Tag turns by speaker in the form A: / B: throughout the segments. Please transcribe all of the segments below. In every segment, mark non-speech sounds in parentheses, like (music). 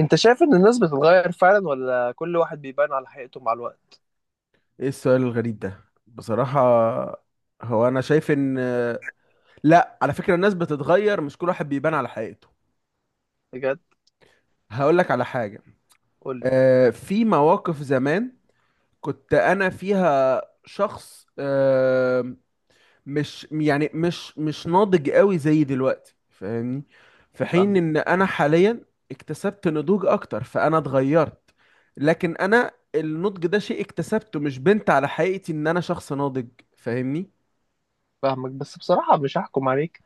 A: انت شايف ان الناس بتتغير فعلا ولا كل واحد بيبان على حقيقته مع الوقت؟
B: ايه السؤال الغريب ده بصراحة؟ هو انا شايف ان لا، على فكرة الناس بتتغير، مش كل واحد بيبان على حقيقته.
A: بجد؟
B: هقول لك على حاجة.
A: قولي.
B: في مواقف زمان كنت انا فيها شخص، مش يعني مش ناضج قوي زي دلوقتي، فاهمني؟ في حين
A: فاهمك.
B: ان انا حاليا اكتسبت نضوج اكتر، فانا اتغيرت. لكن انا النضج ده شيء اكتسبته، مش بنت على حقيقتي ان انا شخص ناضج. فاهمني؟
A: فاهمك بس بصراحة مش هحكم عليك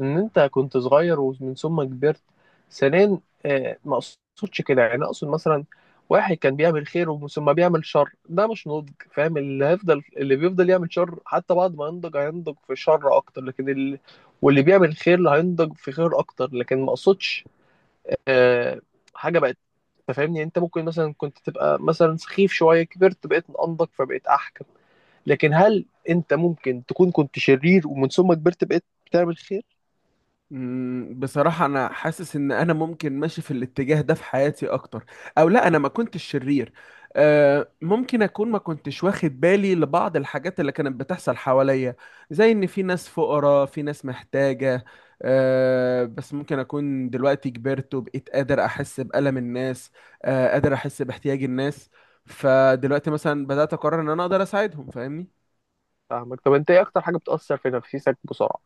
A: ان انت كنت صغير ومن ثم كبرت. ثانيا، ما اقصدش كده، يعني اقصد مثلا واحد كان بيعمل خير ومن ثم بيعمل شر، ده مش نضج. فاهم؟ اللي بيفضل يعمل شر حتى بعد ما ينضج هينضج في شر اكتر، لكن اللي بيعمل خير هينضج في خير اكتر. لكن ما اقصدش آه، حاجة بقت. انت فاهمني، يعني انت ممكن مثلا كنت تبقى مثلا سخيف شويه، كبرت بقيت انضج فبقيت احكم، لكن هل انت ممكن تكون كنت شرير ومن ثم كبرت بقيت بتعمل خير؟
B: بصراحة أنا حاسس إن أنا ممكن ماشي في الاتجاه ده في حياتي أكتر. أو لا، أنا ما كنتش شرير. ممكن أكون ما كنتش واخد بالي لبعض الحاجات اللي كانت بتحصل حواليا، زي إن في ناس فقراء، في ناس محتاجة. بس ممكن أكون دلوقتي كبرت وبقيت قادر أحس بألم الناس. قادر أحس باحتياج الناس. فدلوقتي مثلا بدأت أقرر إن أنا أقدر أساعدهم، فاهمني؟
A: فاهمك. طب انت ايه اكتر حاجه بتاثر في نفسيتك بسرعه؟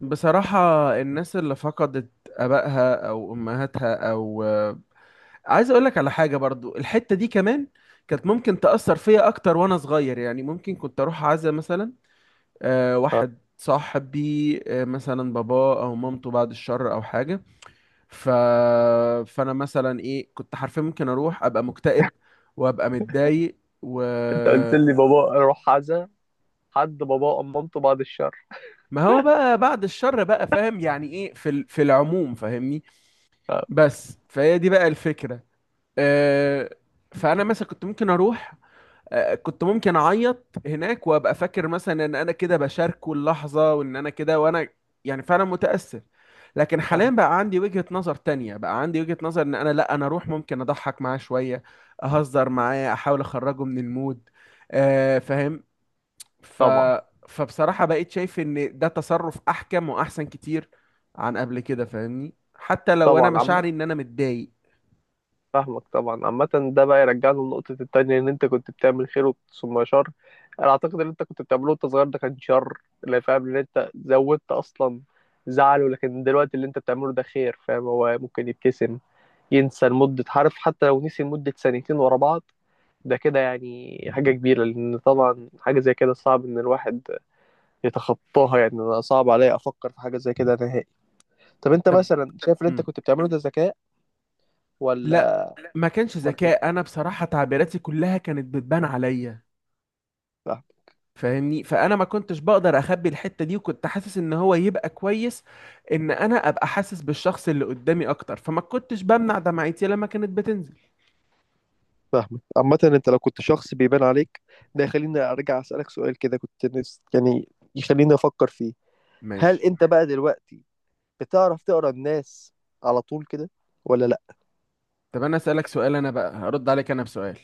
B: بصراحة الناس اللي فقدت آبائها أو أمهاتها أو... عايز اقول لك على حاجه برضو، الحته دي كمان كانت ممكن تاثر فيا اكتر وانا صغير. يعني ممكن كنت اروح عزا مثلا،
A: اه،
B: واحد صاحبي، مثلا بابا او مامته بعد الشر او حاجه. ف... فانا مثلا ايه كنت حرفيا ممكن اروح ابقى مكتئب، وابقى متضايق و...
A: انت قلت لي بابا روح عزا حد، بابا أم مامته، بعد الشر.
B: ما هو بقى بعد الشر بقى، فاهم يعني ايه، في العموم، فاهمني؟
A: اه.
B: بس فهي دي بقى الفكره. آه فانا مثلا كنت ممكن اروح، كنت ممكن اعيط هناك وابقى فاكر مثلا ان انا كده بشاركه اللحظه، وان انا كده، وانا يعني فعلا متاثر. لكن حاليا
A: فاهم.
B: بقى عندي وجهه نظر تانية، بقى عندي وجهه نظر ان انا، لا، انا اروح ممكن اضحك معاه شويه. اهزر معاه، احاول اخرجه من المود. فاهم. ف
A: طبعا.
B: فبصراحه بقيت شايف ان ده تصرف احكم واحسن كتير عن قبل كده، فاهمني؟ حتى لو انا
A: طبعا عم،
B: مشاعري ان انا متضايق.
A: فاهمك. طبعا عامة ده بقى يرجعنا لنقطة التانية، إن أنت كنت بتعمل خير ثم شر. أنا أعتقد إن أنت كنت بتعمله وأنت صغير ده كان شر، اللي فاهم إن أنت زودت أصلا زعله. لكن دلوقتي اللي أنت بتعمله ده خير. فاهم؟ هو ممكن يبتسم، ينسى لمدة، عارف، حتى لو نسي لمدة سنتين ورا بعض ده كده يعني حاجة كبيرة، لأن طبعا حاجة زي كده صعب إن الواحد يتخطاها. يعني أنا صعب عليا أفكر في حاجة زي كده نهائي. طب أنت
B: طب.
A: مثلا شايف اللي أنت
B: مم.
A: كنت بتعمله ده ذكاء
B: لا،
A: ولا؟
B: ما كانش
A: أمال
B: ذكاء، انا بصراحة تعبيراتي كلها كانت بتبان عليا.
A: إيه؟
B: فاهمني؟ فانا ما كنتش بقدر اخبي الحتة دي، وكنت حاسس ان هو يبقى كويس ان انا ابقى حاسس بالشخص اللي قدامي اكتر، فما كنتش بمنع دمعتي لما كانت بتنزل.
A: فاهمك. عامة انت لو كنت شخص بيبان عليك، ده يخليني ارجع اسألك سؤال كده، كنت نفس، يعني يخليني افكر فيه. هل
B: ماشي.
A: انت بقى دلوقتي بتعرف تقرا الناس على طول كده ولا لا؟
B: طب انا اسالك سؤال، انا بقى هرد عليك انا بسؤال.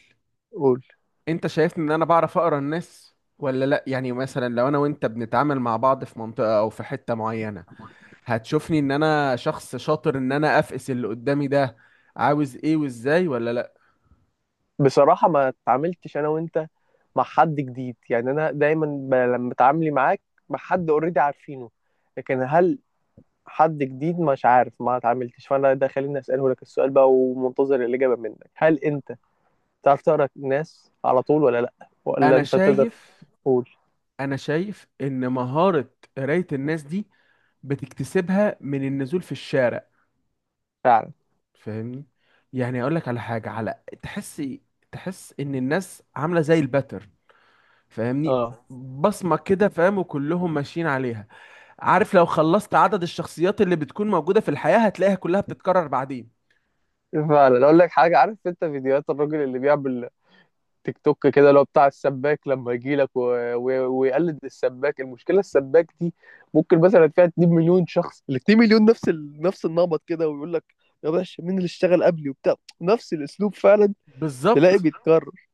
A: قول.
B: انت شايفني ان انا بعرف اقرا الناس ولا لا؟ يعني مثلا لو انا وانت بنتعامل مع بعض في منطقة او في حتة معينة، هتشوفني ان انا شخص شاطر ان انا افقس اللي قدامي ده عاوز ايه وازاي ولا لا؟
A: بصراحة ما اتعاملتش أنا وأنت مع حد جديد. يعني أنا دايما لما اتعاملي معاك مع حد أوريدي عارفينه، لكن هل حد جديد مش عارف، ما اتعاملتش. فأنا ده خليني أسأله لك السؤال بقى، ومنتظر الإجابة منك، هل أنت تعرف تقرأ الناس على طول ولا لأ، ولا
B: انا
A: أنت تقدر؟
B: شايف
A: قول.
B: انا شايف ان مهارة قراية الناس دي بتكتسبها من النزول في الشارع،
A: فعلا.
B: فاهمني؟ يعني اقول لك على حاجة، تحس، تحس ان الناس عاملة زي الباتر، فاهمني؟
A: اه،
B: بصمة كده، فاهم، وكلهم ماشيين عليها. عارف، لو خلصت عدد الشخصيات اللي بتكون موجودة في الحياة هتلاقيها كلها بتتكرر بعدين.
A: فعلا. اقول لك حاجه، عارف انت فيديوهات الراجل اللي بيعمل تيك توك كده اللي هو بتاع السباك لما يجي لك ويقلد السباك؟ المشكله السباك دي ممكن مثلا فيها 2 مليون شخص، ال 2 مليون نفس النمط كده، ويقول لك يا باشا مين اللي اشتغل قبلي وبتاع، نفس الاسلوب فعلا، تلاقي
B: بالظبط.
A: بيتكرر.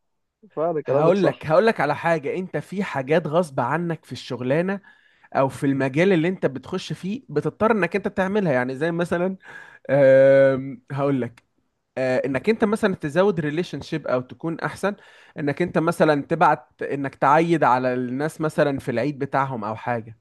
A: فعلا كلامك
B: هقول لك
A: صح.
B: هقول لك على حاجة، انت في حاجات غصب عنك في الشغلانة او في المجال اللي انت بتخش فيه بتضطر انك انت تعملها، يعني زي مثلا، هقول لك. انك انت مثلا تزود ريليشن شيب، او تكون احسن، انك انت مثلا تبعت، انك تعيد على الناس مثلا في العيد بتاعهم او حاجة،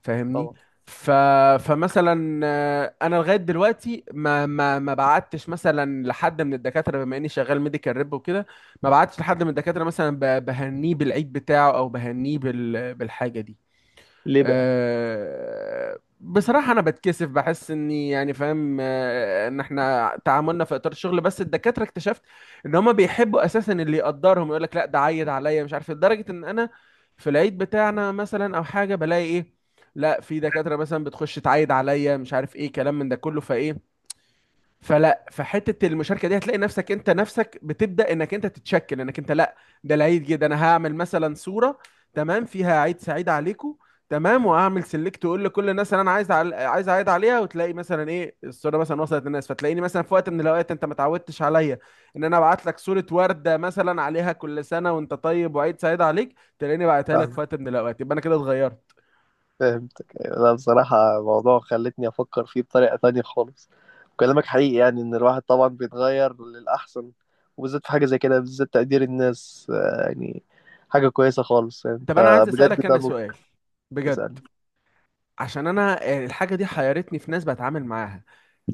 B: فاهمني؟
A: طبعا.
B: ف... فمثلا انا لغايه دلوقتي ما بعتش مثلا لحد من الدكاتره، بما اني شغال ميديكال ريب وكده. ما بعتش لحد من الدكاتره مثلا بهنيه بالعيد بتاعه، او بهنيه بالحاجه دي.
A: ليه بقى؟
B: بصراحة أنا بتكسف، بحس إني يعني فاهم، إن إحنا تعاملنا في إطار الشغل بس. الدكاترة اكتشفت إن هما بيحبوا أساسا اللي يقدرهم، يقول لك لا ده عيد عليا مش عارف إيه، لدرجة إن أنا في العيد بتاعنا مثلا أو حاجة بلاقي إيه، لا في دكاترة مثلا بتخش تعيد عليا مش عارف إيه كلام من ده كله، فإيه. فلا، فحته المشاركه دي هتلاقي نفسك انت نفسك بتبدا انك انت تتشكل انك انت لا، ده العيد جه، ده انا هعمل مثلا صوره تمام فيها عيد سعيد عليكم، تمام، واعمل سيلكت واقول لكل الناس اللي انا عايز عايز اعيد عليها. وتلاقي مثلا ايه الصوره مثلا وصلت للناس، فتلاقيني مثلا في وقت من الاوقات انت ما تعودتش عليا ان انا ابعت لك صوره ورده مثلا عليها كل سنه وانت طيب وعيد سعيد عليك، تلاقيني بعتها لك في وقت من الاوقات، يبقى انا كده اتغيرت.
A: فهمتك، أيوة. لا بصراحة موضوع خلتني أفكر فيه بطريقة تانية خالص، وكلامك حقيقي، يعني إن الواحد طبعا بيتغير للأحسن، وبالذات في حاجة زي كده، بالذات تقدير الناس، يعني حاجة كويسة خالص. يعني
B: طب انا
A: أنت
B: عايز
A: بجد
B: اسالك
A: ده
B: انا سؤال،
A: نقطة.
B: بجد.
A: اسألني.
B: عشان انا، الحاجه دي حيرتني في ناس بتعامل معاها.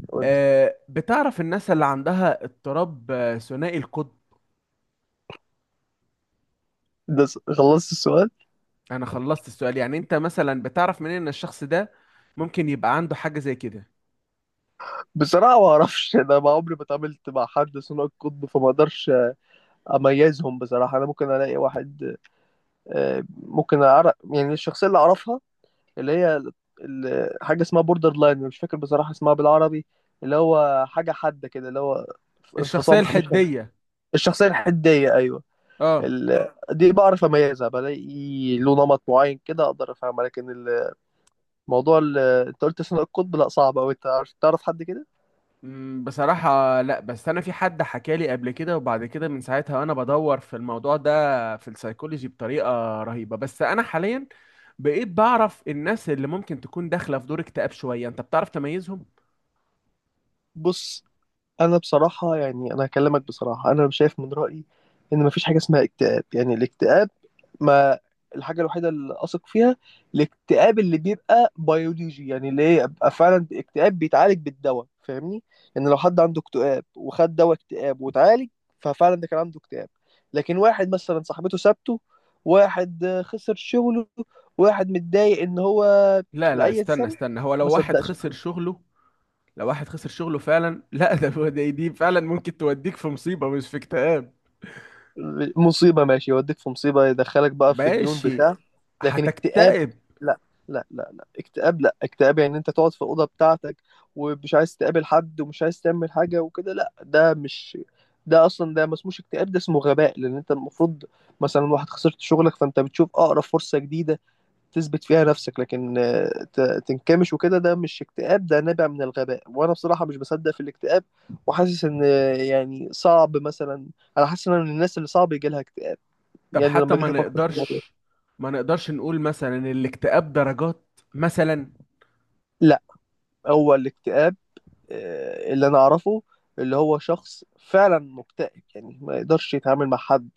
A: قول لي.
B: بتعرف الناس اللي عندها اضطراب ثنائي القطب؟
A: خلصت السؤال؟
B: انا خلصت السؤال، يعني انت مثلا بتعرف منين ان الشخص ده ممكن يبقى عنده حاجة زي كده؟
A: بصراحة ما أعرفش، أنا ما عمري ما اتعاملت مع حد ثنائي القطب، فما أقدرش أميزهم بصراحة. أنا ممكن ألاقي واحد، ممكن أعرف، يعني الشخصية اللي أعرفها اللي هي حاجة اسمها بوردر لاين، مش فاكر بصراحة اسمها بالعربي، اللي هو حاجة حادة كده، اللي هو
B: الشخصية
A: انفصام، مش؟
B: الحدية.
A: الشخصية الحدية، أيوه.
B: اه.
A: دي بعرف أميزها، بلاقي له نمط معين كده أقدر أفهمها، لكن الموضوع اللي أنت قلت ثنائي القطب، لا صعب أوي. أنت عارف، تعرف حد كده؟
B: بصراحة لا، بس انا في حد حكالي قبل كده، وبعد كده من ساعتها وانا بدور في الموضوع ده في السايكولوجي بطريقة رهيبة. بس انا حاليا بقيت بعرف الناس اللي ممكن تكون داخلة في دور اكتئاب شوية، انت بتعرف تميزهم؟
A: بص، انا بصراحه يعني انا هكلمك بصراحه، انا شايف من رايي ان مفيش حاجه اسمها اكتئاب. يعني الاكتئاب، ما، الحاجه الوحيده اللي اثق فيها، الاكتئاب اللي بيبقى بيولوجي، يعني اللي هي يبقى فعلا اكتئاب بيتعالج بالدواء، فاهمني؟ يعني لو حد عنده اكتئاب وخد دواء اكتئاب واتعالج، ففعلا ده كان عنده اكتئاب. لكن واحد مثلا صاحبته سابته، واحد خسر شغله، واحد متضايق ان هو
B: لا لا،
A: لاي
B: استنى
A: سبب،
B: استنى، هو
A: ما
B: لو واحد
A: صدقش،
B: خسر شغله لو واحد خسر شغله فعلا (laughs) لا، دي فعلا ممكن توديك في مصيبة مش في اكتئاب.
A: مصيبة، ماشي، يوديك في مصيبة، يدخلك بقى في ديون
B: ماشي.
A: بتاع، لكن اكتئاب
B: هتكتئب.
A: لا لا اكتئاب. لا اكتئاب يعني انت تقعد في الأوضة بتاعتك ومش عايز تقابل حد ومش عايز تعمل حاجة وكده، لا ده مش، ده اصلا ده ما اسموش اكتئاب، ده اسمه غباء. لان انت المفروض مثلا واحد خسرت شغلك، فانت بتشوف اقرب فرصة جديدة تثبت فيها نفسك، لكن تنكمش وكده، ده مش اكتئاب، ده نابع من الغباء. وانا بصراحة مش بصدق في الاكتئاب، وحاسس ان يعني صعب مثلا، انا حاسس ان أنا من الناس اللي صعب يجي لها اكتئاب،
B: طب
A: يعني
B: حتى
A: لما جيت
B: ما
A: افكر في الموضوع.
B: نقدرش ما نقدرش نقول مثلا ان الاكتئاب درجات مثلا؟
A: لا هو الاكتئاب اللي انا اعرفه اللي هو شخص فعلا مكتئب، يعني ما يقدرش يتعامل مع حد،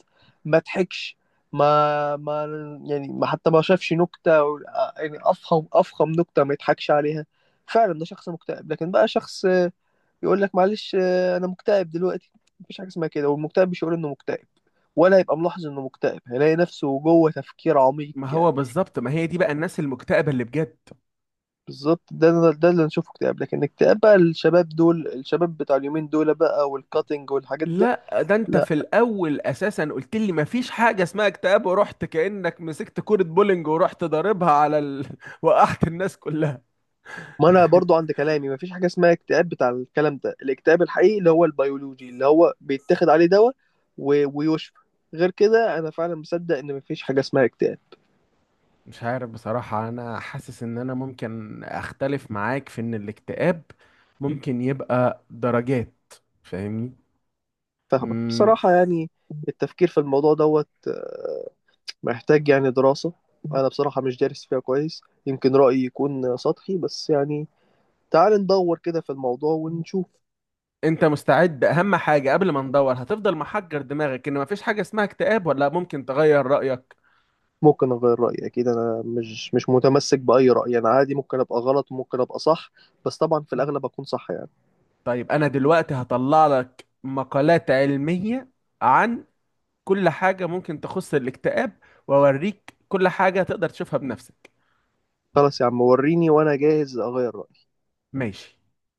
A: ما ضحكش، ما ما يعني ما، حتى ما شافش نكتة يعني افخم نكتة ما يضحكش عليها، فعلا ده شخص مكتئب. لكن بقى شخص يقول لك معلش انا مكتئب دلوقتي، مفيش حاجه اسمها كده. والمكتئب مش هيقول انه مكتئب، ولا يبقى ملاحظ انه مكتئب، هيلاقي نفسه جوه تفكير عميق
B: ما هو
A: يعني.
B: بالظبط، ما هي دي بقى الناس المكتئبة اللي بجد.
A: بالظبط، ده اللي نشوفه اكتئاب. لكن اكتئاب بقى الشباب دول، الشباب بتاع اليومين دول بقى، والكاتنج والحاجات ده
B: لا، ده انت
A: لا.
B: في الاول اساسا قلت لي ما فيش حاجة اسمها اكتئاب، ورحت كأنك مسكت كورة بولينج ورحت ضاربها (laughs) وقعت الناس كلها.
A: ما انا برضو عند كلامي، مفيش حاجه اسمها اكتئاب بتاع الكلام ده. الاكتئاب الحقيقي اللي هو البيولوجي اللي هو بيتاخد عليه دواء ويشفى، غير كده انا فعلا مصدق ان مفيش حاجه اسمها اكتئاب.
B: مش عارف بصراحة، أنا حاسس إن أنا ممكن أختلف معاك في إن الاكتئاب ممكن يبقى درجات. فاهمني؟
A: فاهمك.
B: مم.
A: بصراحه يعني التفكير في الموضوع دوت، محتاج يعني دراسة، أنا بصراحة مش دارس فيها كويس، يمكن رأيي يكون سطحي بس، يعني تعال ندور كده في الموضوع ونشوف.
B: أنت مستعد أهم حاجة قبل ما ندور هتفضل محجر دماغك إن مفيش حاجة اسمها اكتئاب، ولا ممكن تغير رأيك؟
A: ممكن أغير رأيي أكيد، أنا مش متمسك بأي رأي، أنا عادي ممكن أبقى غلط ممكن أبقى صح، بس طبعا في الأغلب أكون صح يعني.
B: طيب، أنا دلوقتي هطلع لك مقالات علمية عن كل حاجة ممكن تخص الاكتئاب، وأوريك كل حاجة تقدر تشوفها بنفسك.
A: خلاص يا عم وريني وأنا جاهز أغير رأيي.
B: ماشي.